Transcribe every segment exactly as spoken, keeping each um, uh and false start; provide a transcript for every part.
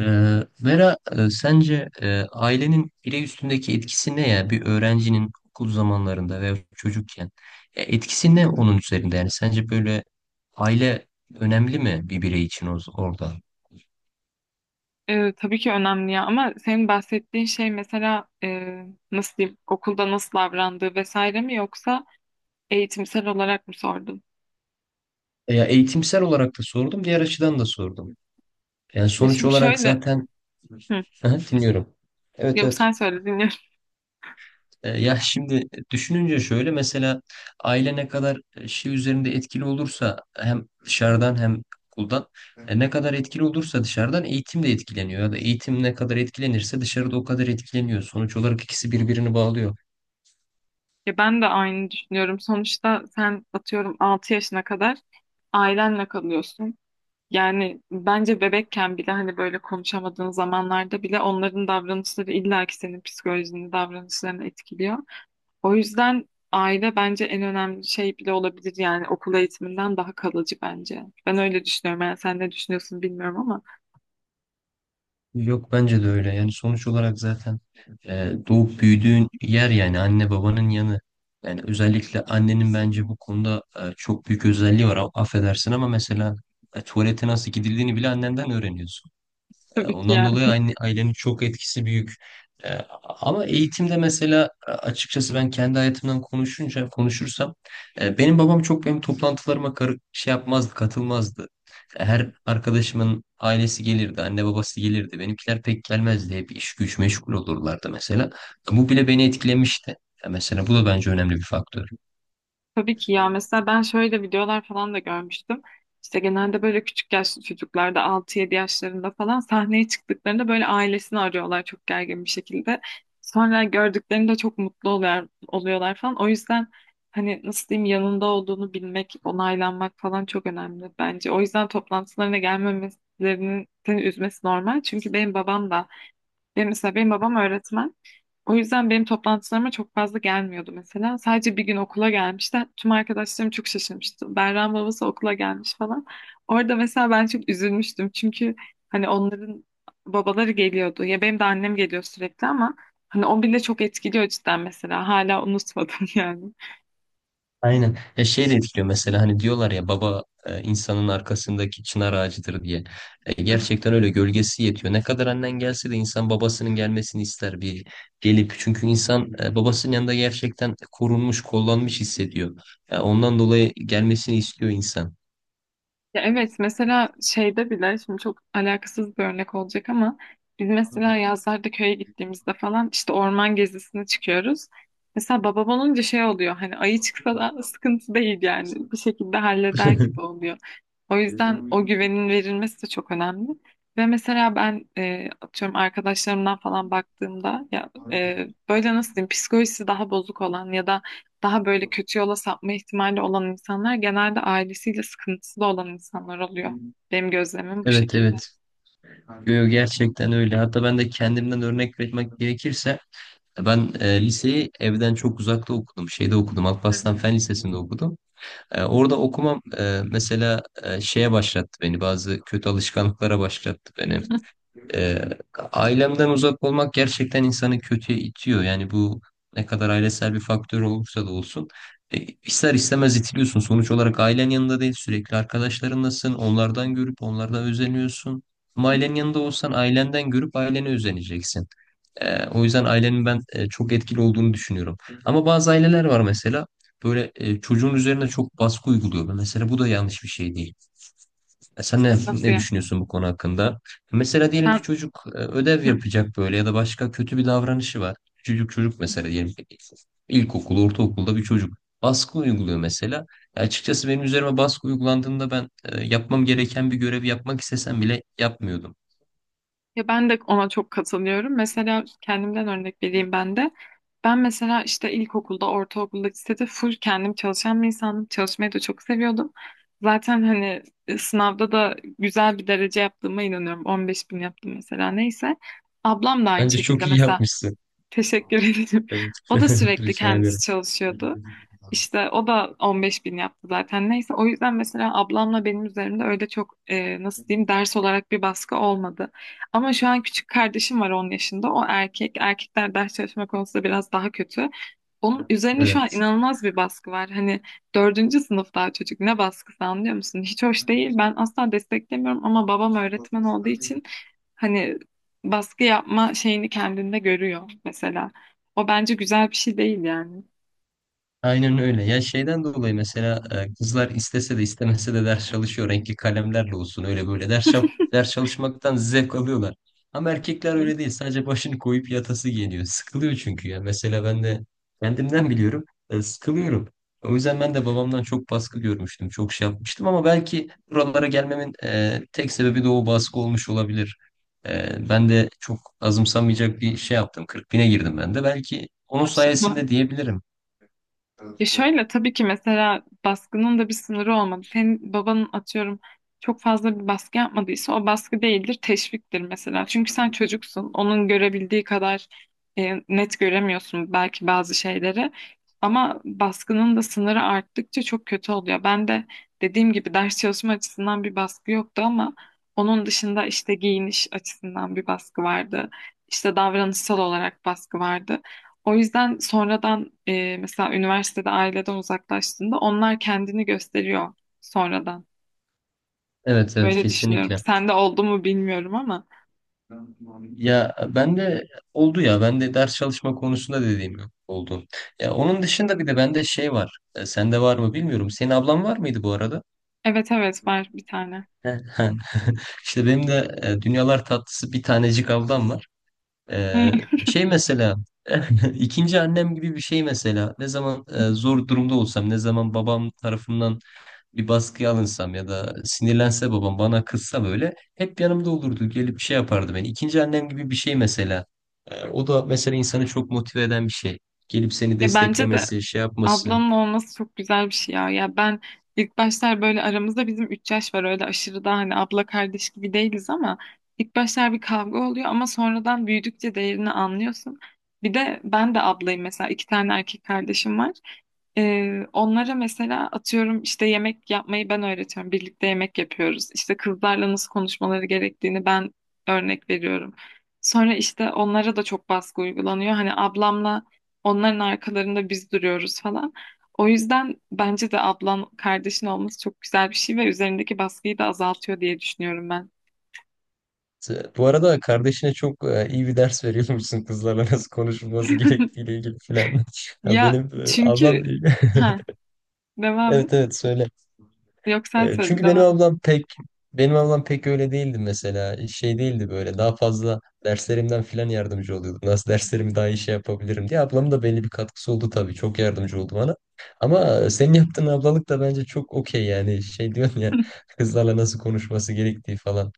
Ee, Vera, e, sence e, ailenin birey üstündeki etkisi ne ya? Bir öğrencinin okul zamanlarında veya çocukken ya etkisi ne onun üzerinde? Yani sence böyle aile önemli mi bir birey için o- orada? E, tabii ki önemli ya, ama senin bahsettiğin şey mesela, e, nasıl diyeyim, okulda nasıl davrandığı vesaire mi, yoksa eğitimsel olarak mı sordun? Ya eğitimsel olarak da sordum, diğer açıdan da sordum. Yani Ya sonuç şimdi olarak şöyle. zaten. hı, Aha, dinliyorum. Evet, Yok, evet. sen söyle, dinliyorum. E, Ya şimdi düşününce şöyle mesela aile ne kadar e, şey üzerinde etkili olursa hem dışarıdan hem okuldan e, ne kadar etkili olursa dışarıdan eğitim de etkileniyor ya da eğitim ne kadar etkilenirse dışarıda o kadar etkileniyor. Sonuç olarak ikisi birbirini bağlıyor. Ya ben de aynı düşünüyorum. Sonuçta sen atıyorum altı yaşına kadar ailenle kalıyorsun. Yani bence bebekken bile, hani böyle konuşamadığın zamanlarda bile, onların davranışları illaki senin psikolojini, davranışlarını etkiliyor. O yüzden aile bence en önemli şey bile olabilir yani, okul eğitiminden daha kalıcı bence. Ben öyle düşünüyorum. Yani sen ne düşünüyorsun bilmiyorum ama. Yok, bence de öyle yani sonuç olarak zaten e, doğup büyüdüğün yer yani anne babanın yanı. Yani özellikle annenin bence bu konuda e, çok büyük özelliği var, affedersin ama mesela e, tuvalete nasıl gidildiğini bile annenden öğreniyorsun. E, tabii ki Ondan yani. dolayı aile- ailenin çok etkisi büyük. E, Ama eğitimde mesela e, açıkçası ben kendi hayatımdan konuşunca konuşursam e, benim babam çok benim toplantılarıma karı- şey yapmazdı, katılmazdı. E, Her arkadaşımın ailesi gelirdi, anne babası gelirdi. Benimkiler pek gelmezdi. Hep iş güç meşgul olurlardı mesela. Bu bile beni etkilemişti. E, Mesela bu da bence önemli bir faktör. Tabii ki ya, mesela ben şöyle videolar falan da görmüştüm. İşte genelde böyle küçük yaşlı çocuklarda, altı yedi yaşlarında falan, sahneye çıktıklarında böyle ailesini arıyorlar çok gergin bir şekilde. Sonra gördüklerinde çok mutlu oluyor, oluyorlar falan. O yüzden, hani nasıl diyeyim, yanında olduğunu bilmek, onaylanmak falan çok önemli bence. O yüzden toplantılarına gelmemesinin seni üzmesi normal. Çünkü benim babam da, benim mesela, benim babam öğretmen. O yüzden benim toplantılarıma çok fazla gelmiyordu mesela. Sadece bir gün okula gelmişti. Tüm arkadaşlarım çok şaşırmıştı. Berra'nın babası okula gelmiş falan. Orada mesela ben çok üzülmüştüm. Çünkü hani onların babaları geliyordu. Ya benim de annem geliyor sürekli, ama hani o bile çok etkiliyor cidden mesela. Hala unutmadım yani. Aynen. Ya şey de etkiliyor mesela, hani diyorlar ya baba e, insanın arkasındaki çınar ağacıdır diye. E, gerçekten öyle, gölgesi yetiyor. Ne kadar annen gelse de insan babasının gelmesini ister bir gelip. Çünkü insan e, babasının yanında gerçekten korunmuş, kollanmış hissediyor. Ya ondan dolayı gelmesini istiyor insan. Ya evet, mesela şeyde bile, şimdi çok alakasız bir örnek olacak ama, biz mesela yazlarda köye gittiğimizde falan işte orman gezisine çıkıyoruz. Mesela babam olunca şey oluyor, hani ayı çıksa da sıkıntı değil yani, bir şekilde halleder gibi oluyor. O yüzden o güvenin verilmesi de çok önemli. Ve mesela ben, e, atıyorum, arkadaşlarımdan falan baktığımda ya, e, böyle nasıl diyeyim, psikolojisi daha bozuk olan ya da daha böyle kötü yola sapma ihtimali olan insanlar, genelde ailesiyle sıkıntısı da olan insanlar oluyor. Benim gözlemim bu Evet, şekilde. evet. Yo, yo, gerçekten öyle. Hatta ben de kendimden örnek vermek gerekirse ben e, liseyi evden çok uzakta okudum. Şeyde okudum. Hı Alparslan hı. Fen Lisesi'nde okudum. E, orada okumam e, mesela e, şeye başlattı beni. Bazı kötü alışkanlıklara başlattı beni. Hı E, Ailemden uzak olmak gerçekten insanı kötüye itiyor. Yani bu ne kadar ailesel bir faktör olursa da olsun. E, ister istemez itiliyorsun. Sonuç olarak ailen yanında değil. Sürekli arkadaşlarınlasın. Onlardan görüp onlardan özeniyorsun. Ama hı. ailenin yanında olsan ailenden görüp ailene özeneceksin. E, o yüzden ailenin ben e, çok etkili olduğunu düşünüyorum. Ama bazı aileler var mesela böyle e, çocuğun üzerine çok baskı uyguluyor. Mesela bu da yanlış bir şey değil. E, sen ne, Nasıl ne ya? düşünüyorsun bu konu hakkında? Mesela diyelim ki Sen çocuk e, ödev Hı. yapacak böyle ya da başka kötü bir davranışı var. Çocuk çocuk mesela diyelim ki ilkokul, ortaokulda bir çocuk baskı uyguluyor mesela. E, açıkçası benim üzerime baskı uygulandığında ben e, yapmam gereken bir görevi yapmak istesem bile yapmıyordum. Ya ben de ona çok katılıyorum. Mesela kendimden örnek vereyim ben de. Ben mesela işte ilkokulda, ortaokulda, lisede full kendim çalışan bir insandım. Çalışmayı da çok seviyordum. Zaten hani, e, sınavda da güzel bir derece yaptığıma inanıyorum. on beş bin yaptım mesela, neyse. Ablam da aynı Bence şekilde çok iyi mesela. yapmışsın. Teşekkür ederim. Evet. O da sürekli Rica kendisi ederim. çalışıyordu. İşte o da on beş bin yaptı zaten. Neyse, o yüzden mesela ablamla benim üzerimde öyle çok, e, nasıl diyeyim, ders olarak bir baskı olmadı. Ama şu an küçük kardeşim var, on yaşında. O erkek. Erkekler ders çalışma konusunda biraz daha kötü. Onun üzerine şu an Evet. inanılmaz bir baskı var. Hani dördüncü sınıf, daha çocuk, ne baskısı, anlıyor musun? Hiç hoş değil. Ben asla desteklemiyorum ama babam öğretmen olduğu için hani baskı yapma şeyini kendinde görüyor mesela. O bence güzel bir şey değil yani. Aynen öyle. Ya şeyden dolayı mesela e, kızlar istese de istemese de ders çalışıyor. Renkli kalemlerle olsun öyle böyle ders, çal- ders çalışmaktan zevk alıyorlar. Ama erkekler Hı. öyle değil. Sadece başını koyup yatası geliyor. Sıkılıyor çünkü ya. Mesela ben de kendimden biliyorum. e, Sıkılıyorum. O yüzden ben de babamdan çok baskı görmüştüm. Çok şey yapmıştım ama belki buralara gelmemin e, tek sebebi de o baskı olmuş olabilir. E, ben de çok azımsanmayacak bir şey yaptım. Kırk bine girdim ben de. Belki onun Maşallah. sayesinde diyebilirim. Ya şöyle, tabii ki mesela baskının da bir sınırı olmadı. Senin babanın atıyorum çok fazla bir baskı yapmadıysa, o baskı değildir, teşviktir mesela. Çünkü sen çocuksun. Onun görebildiği kadar, e, net göremiyorsun belki bazı şeyleri. Ama baskının da sınırı arttıkça çok kötü oluyor. Ben de, dediğim gibi, ders çalışma açısından bir baskı yoktu, ama onun dışında işte giyiniş açısından bir baskı vardı. İşte davranışsal olarak baskı vardı. O yüzden sonradan, e, mesela üniversitede aileden uzaklaştığında, onlar kendini gösteriyor sonradan. Evet, evet, Böyle düşünüyorum. kesinlikle. Sende oldu mu bilmiyorum ama. Ya ben de oldu ya, ben de ders çalışma konusunda dediğim gibi oldu. Ya onun dışında bir de bende şey var. E, sende var mı bilmiyorum. Senin ablan var mıydı bu arada? Evet evet, var bir tane. Heh, İşte benim de e, dünyalar tatlısı bir tanecik ablam var. E, Şey mesela ikinci annem gibi bir şey mesela. Ne zaman e, zor durumda olsam, ne zaman babam tarafından bir baskıya alınsam ya da sinirlense babam bana kızsa böyle hep yanımda olurdu. Gelip şey yapardı beni. İkinci annem gibi bir şey mesela. Ee, o da mesela insanı çok motive eden bir şey. Gelip seni Ya bence de desteklemesi, şey yapması. ablanın olması çok güzel bir şey ya. Ya ben, ilk başlar, böyle aramızda bizim üç yaş var, öyle aşırı da hani abla kardeş gibi değiliz ama, ilk başlar bir kavga oluyor ama sonradan büyüdükçe değerini anlıyorsun. Bir de ben de ablayım mesela, iki tane erkek kardeşim var. Ee, onlara mesela atıyorum işte yemek yapmayı ben öğretiyorum. Birlikte yemek yapıyoruz. İşte kızlarla nasıl konuşmaları gerektiğini ben örnek veriyorum. Sonra işte onlara da çok baskı uygulanıyor. Hani ablamla onların arkalarında biz duruyoruz falan. O yüzden bence de ablan kardeşin olması çok güzel bir şey ve üzerindeki baskıyı da azaltıyor diye düşünüyorum ben. Ee, Bu arada kardeşine çok e, iyi bir ders veriyormuşsun, kızlarla nasıl konuşulması gerektiğiyle ilgili filan. Ya Ya benim e, çünkü, ablam ha, devam et. evet, evet söyle. Yok, sen E, söyle, Çünkü benim devam et. ablam pek benim ablam pek öyle değildi mesela. Şey değildi böyle. Daha fazla derslerimden filan yardımcı oluyordu. Nasıl derslerimi daha iyi şey yapabilirim diye. Ablamın da belli bir katkısı oldu tabii. Çok yardımcı oldu bana. Ama senin yaptığın ablalık da bence çok okey yani. Şey diyorsun ya, kızlarla nasıl konuşması gerektiği falan.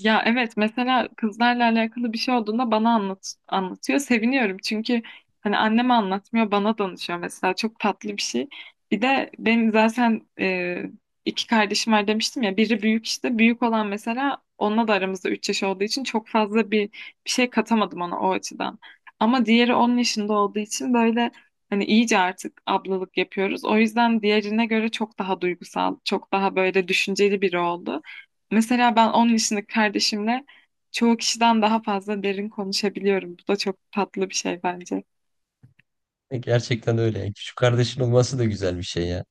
Ya evet, mesela kızlarla alakalı bir şey olduğunda bana anlat anlatıyor. Seviniyorum çünkü hani anneme anlatmıyor, bana danışıyor mesela, çok tatlı bir şey. Bir de benim zaten, e, iki kardeşim var demiştim ya, biri büyük, işte büyük olan mesela, onunla da aramızda üç yaş olduğu için çok fazla bir, bir şey katamadım ona o açıdan. Ama diğeri on yaşında olduğu için böyle, hani iyice artık ablalık yapıyoruz. O yüzden diğerine göre çok daha duygusal, çok daha böyle düşünceli biri oldu. Mesela ben on yaşındaki kardeşimle çoğu kişiden daha fazla derin konuşabiliyorum. Bu da çok tatlı bir şey bence. E, Gerçekten öyle. E, Küçük kardeşin olması da güzel bir şey ya.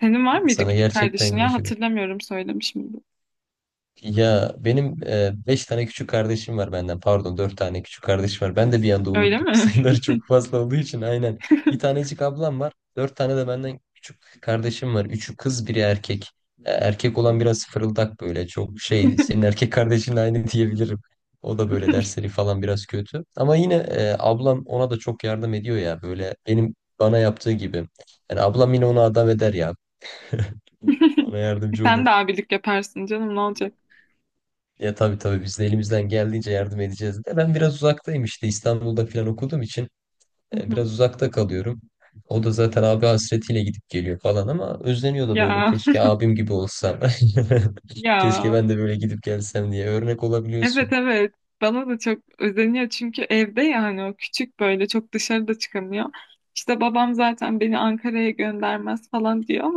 Senin var mıydı Sana küçük gerçekten kardeşin güzel ya? şey. Hatırlamıyorum, söylemiş miydim? Ya benim e, beş tane küçük kardeşim var benden. Pardon, dört tane küçük kardeşim var. Ben de bir anda Öyle unuttum. mi? Sayıları çok fazla olduğu için, aynen. Bir tanecik ablam var. Dört tane de benden küçük kardeşim var. Üçü kız, biri erkek. E, Erkek olan biraz fırıldak böyle. Çok şey, senin erkek kardeşinle aynı diyebilirim. O da böyle dersleri falan biraz kötü. Ama yine e, ablam ona da çok yardım ediyor ya. Böyle benim bana yaptığı gibi. Yani ablam yine onu adam eder ya. Ona yardımcı Sen olur. de abilik yaparsın canım, ne olacak? Ya tabii, tabii biz de elimizden geldiğince yardım edeceğiz de. Ben biraz uzaktayım işte, İstanbul'da falan okuduğum için Hı e, hı. biraz uzakta kalıyorum. O da zaten abi hasretiyle gidip geliyor falan ama özleniyor da böyle, Ya keşke abim gibi olsam. Keşke ya ben de böyle gidip gelsem diye örnek evet olabiliyorsun. evet, bana da çok özeniyor çünkü evde, yani o küçük böyle, çok dışarıda çıkamıyor. İşte babam zaten, "Beni Ankara'ya göndermez" falan diyor.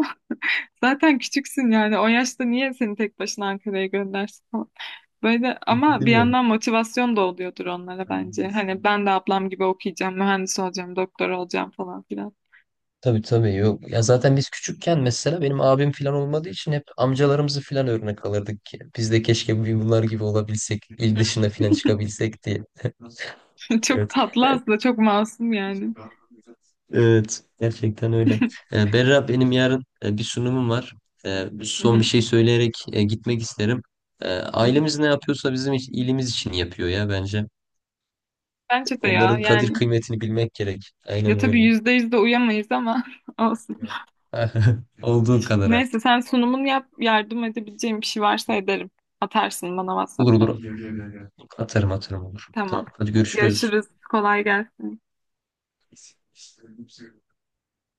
Zaten küçüksün yani, o yaşta niye seni tek başına Ankara'ya göndersin falan. Böyle, ama bir Değil mi? yandan motivasyon da oluyordur onlara bence. Hani "Ben de ablam gibi okuyacağım, mühendis olacağım, doktor olacağım" falan filan. Tabii, tabii, yok. Ya zaten biz küçükken mesela benim abim falan olmadığı için hep amcalarımızı falan örnek alırdık ki. Biz de keşke bir bunlar gibi olabilsek, il dışına falan çıkabilsek diye. Çok Evet. tatlı aslında, çok masum yani. Evet, gerçekten öyle. Ee, Berra, benim yarın e, bir sunumum var. Ee, Hı Son bir hı, şey söyleyerek e, gitmek isterim. Ee, hı hı. Ailemiz ne yapıyorsa bizim iç- iyiliğimiz için yapıyor ya bence. Bence de ya, Onların kadir yani, kıymetini bilmek gerek. ya Aynen tabii öyle. yüzde yüz de uyamayız ama olsun. Olduğu kadar Neyse, artık. sen sunumunu yap, yardım edebileceğim bir şey varsa ederim. Atarsın bana Olur, WhatsApp'tan. olur. Atarım, atarım, olur. Tamam. Tamam, hadi görüşürüz. Görüşürüz. Kolay gelsin.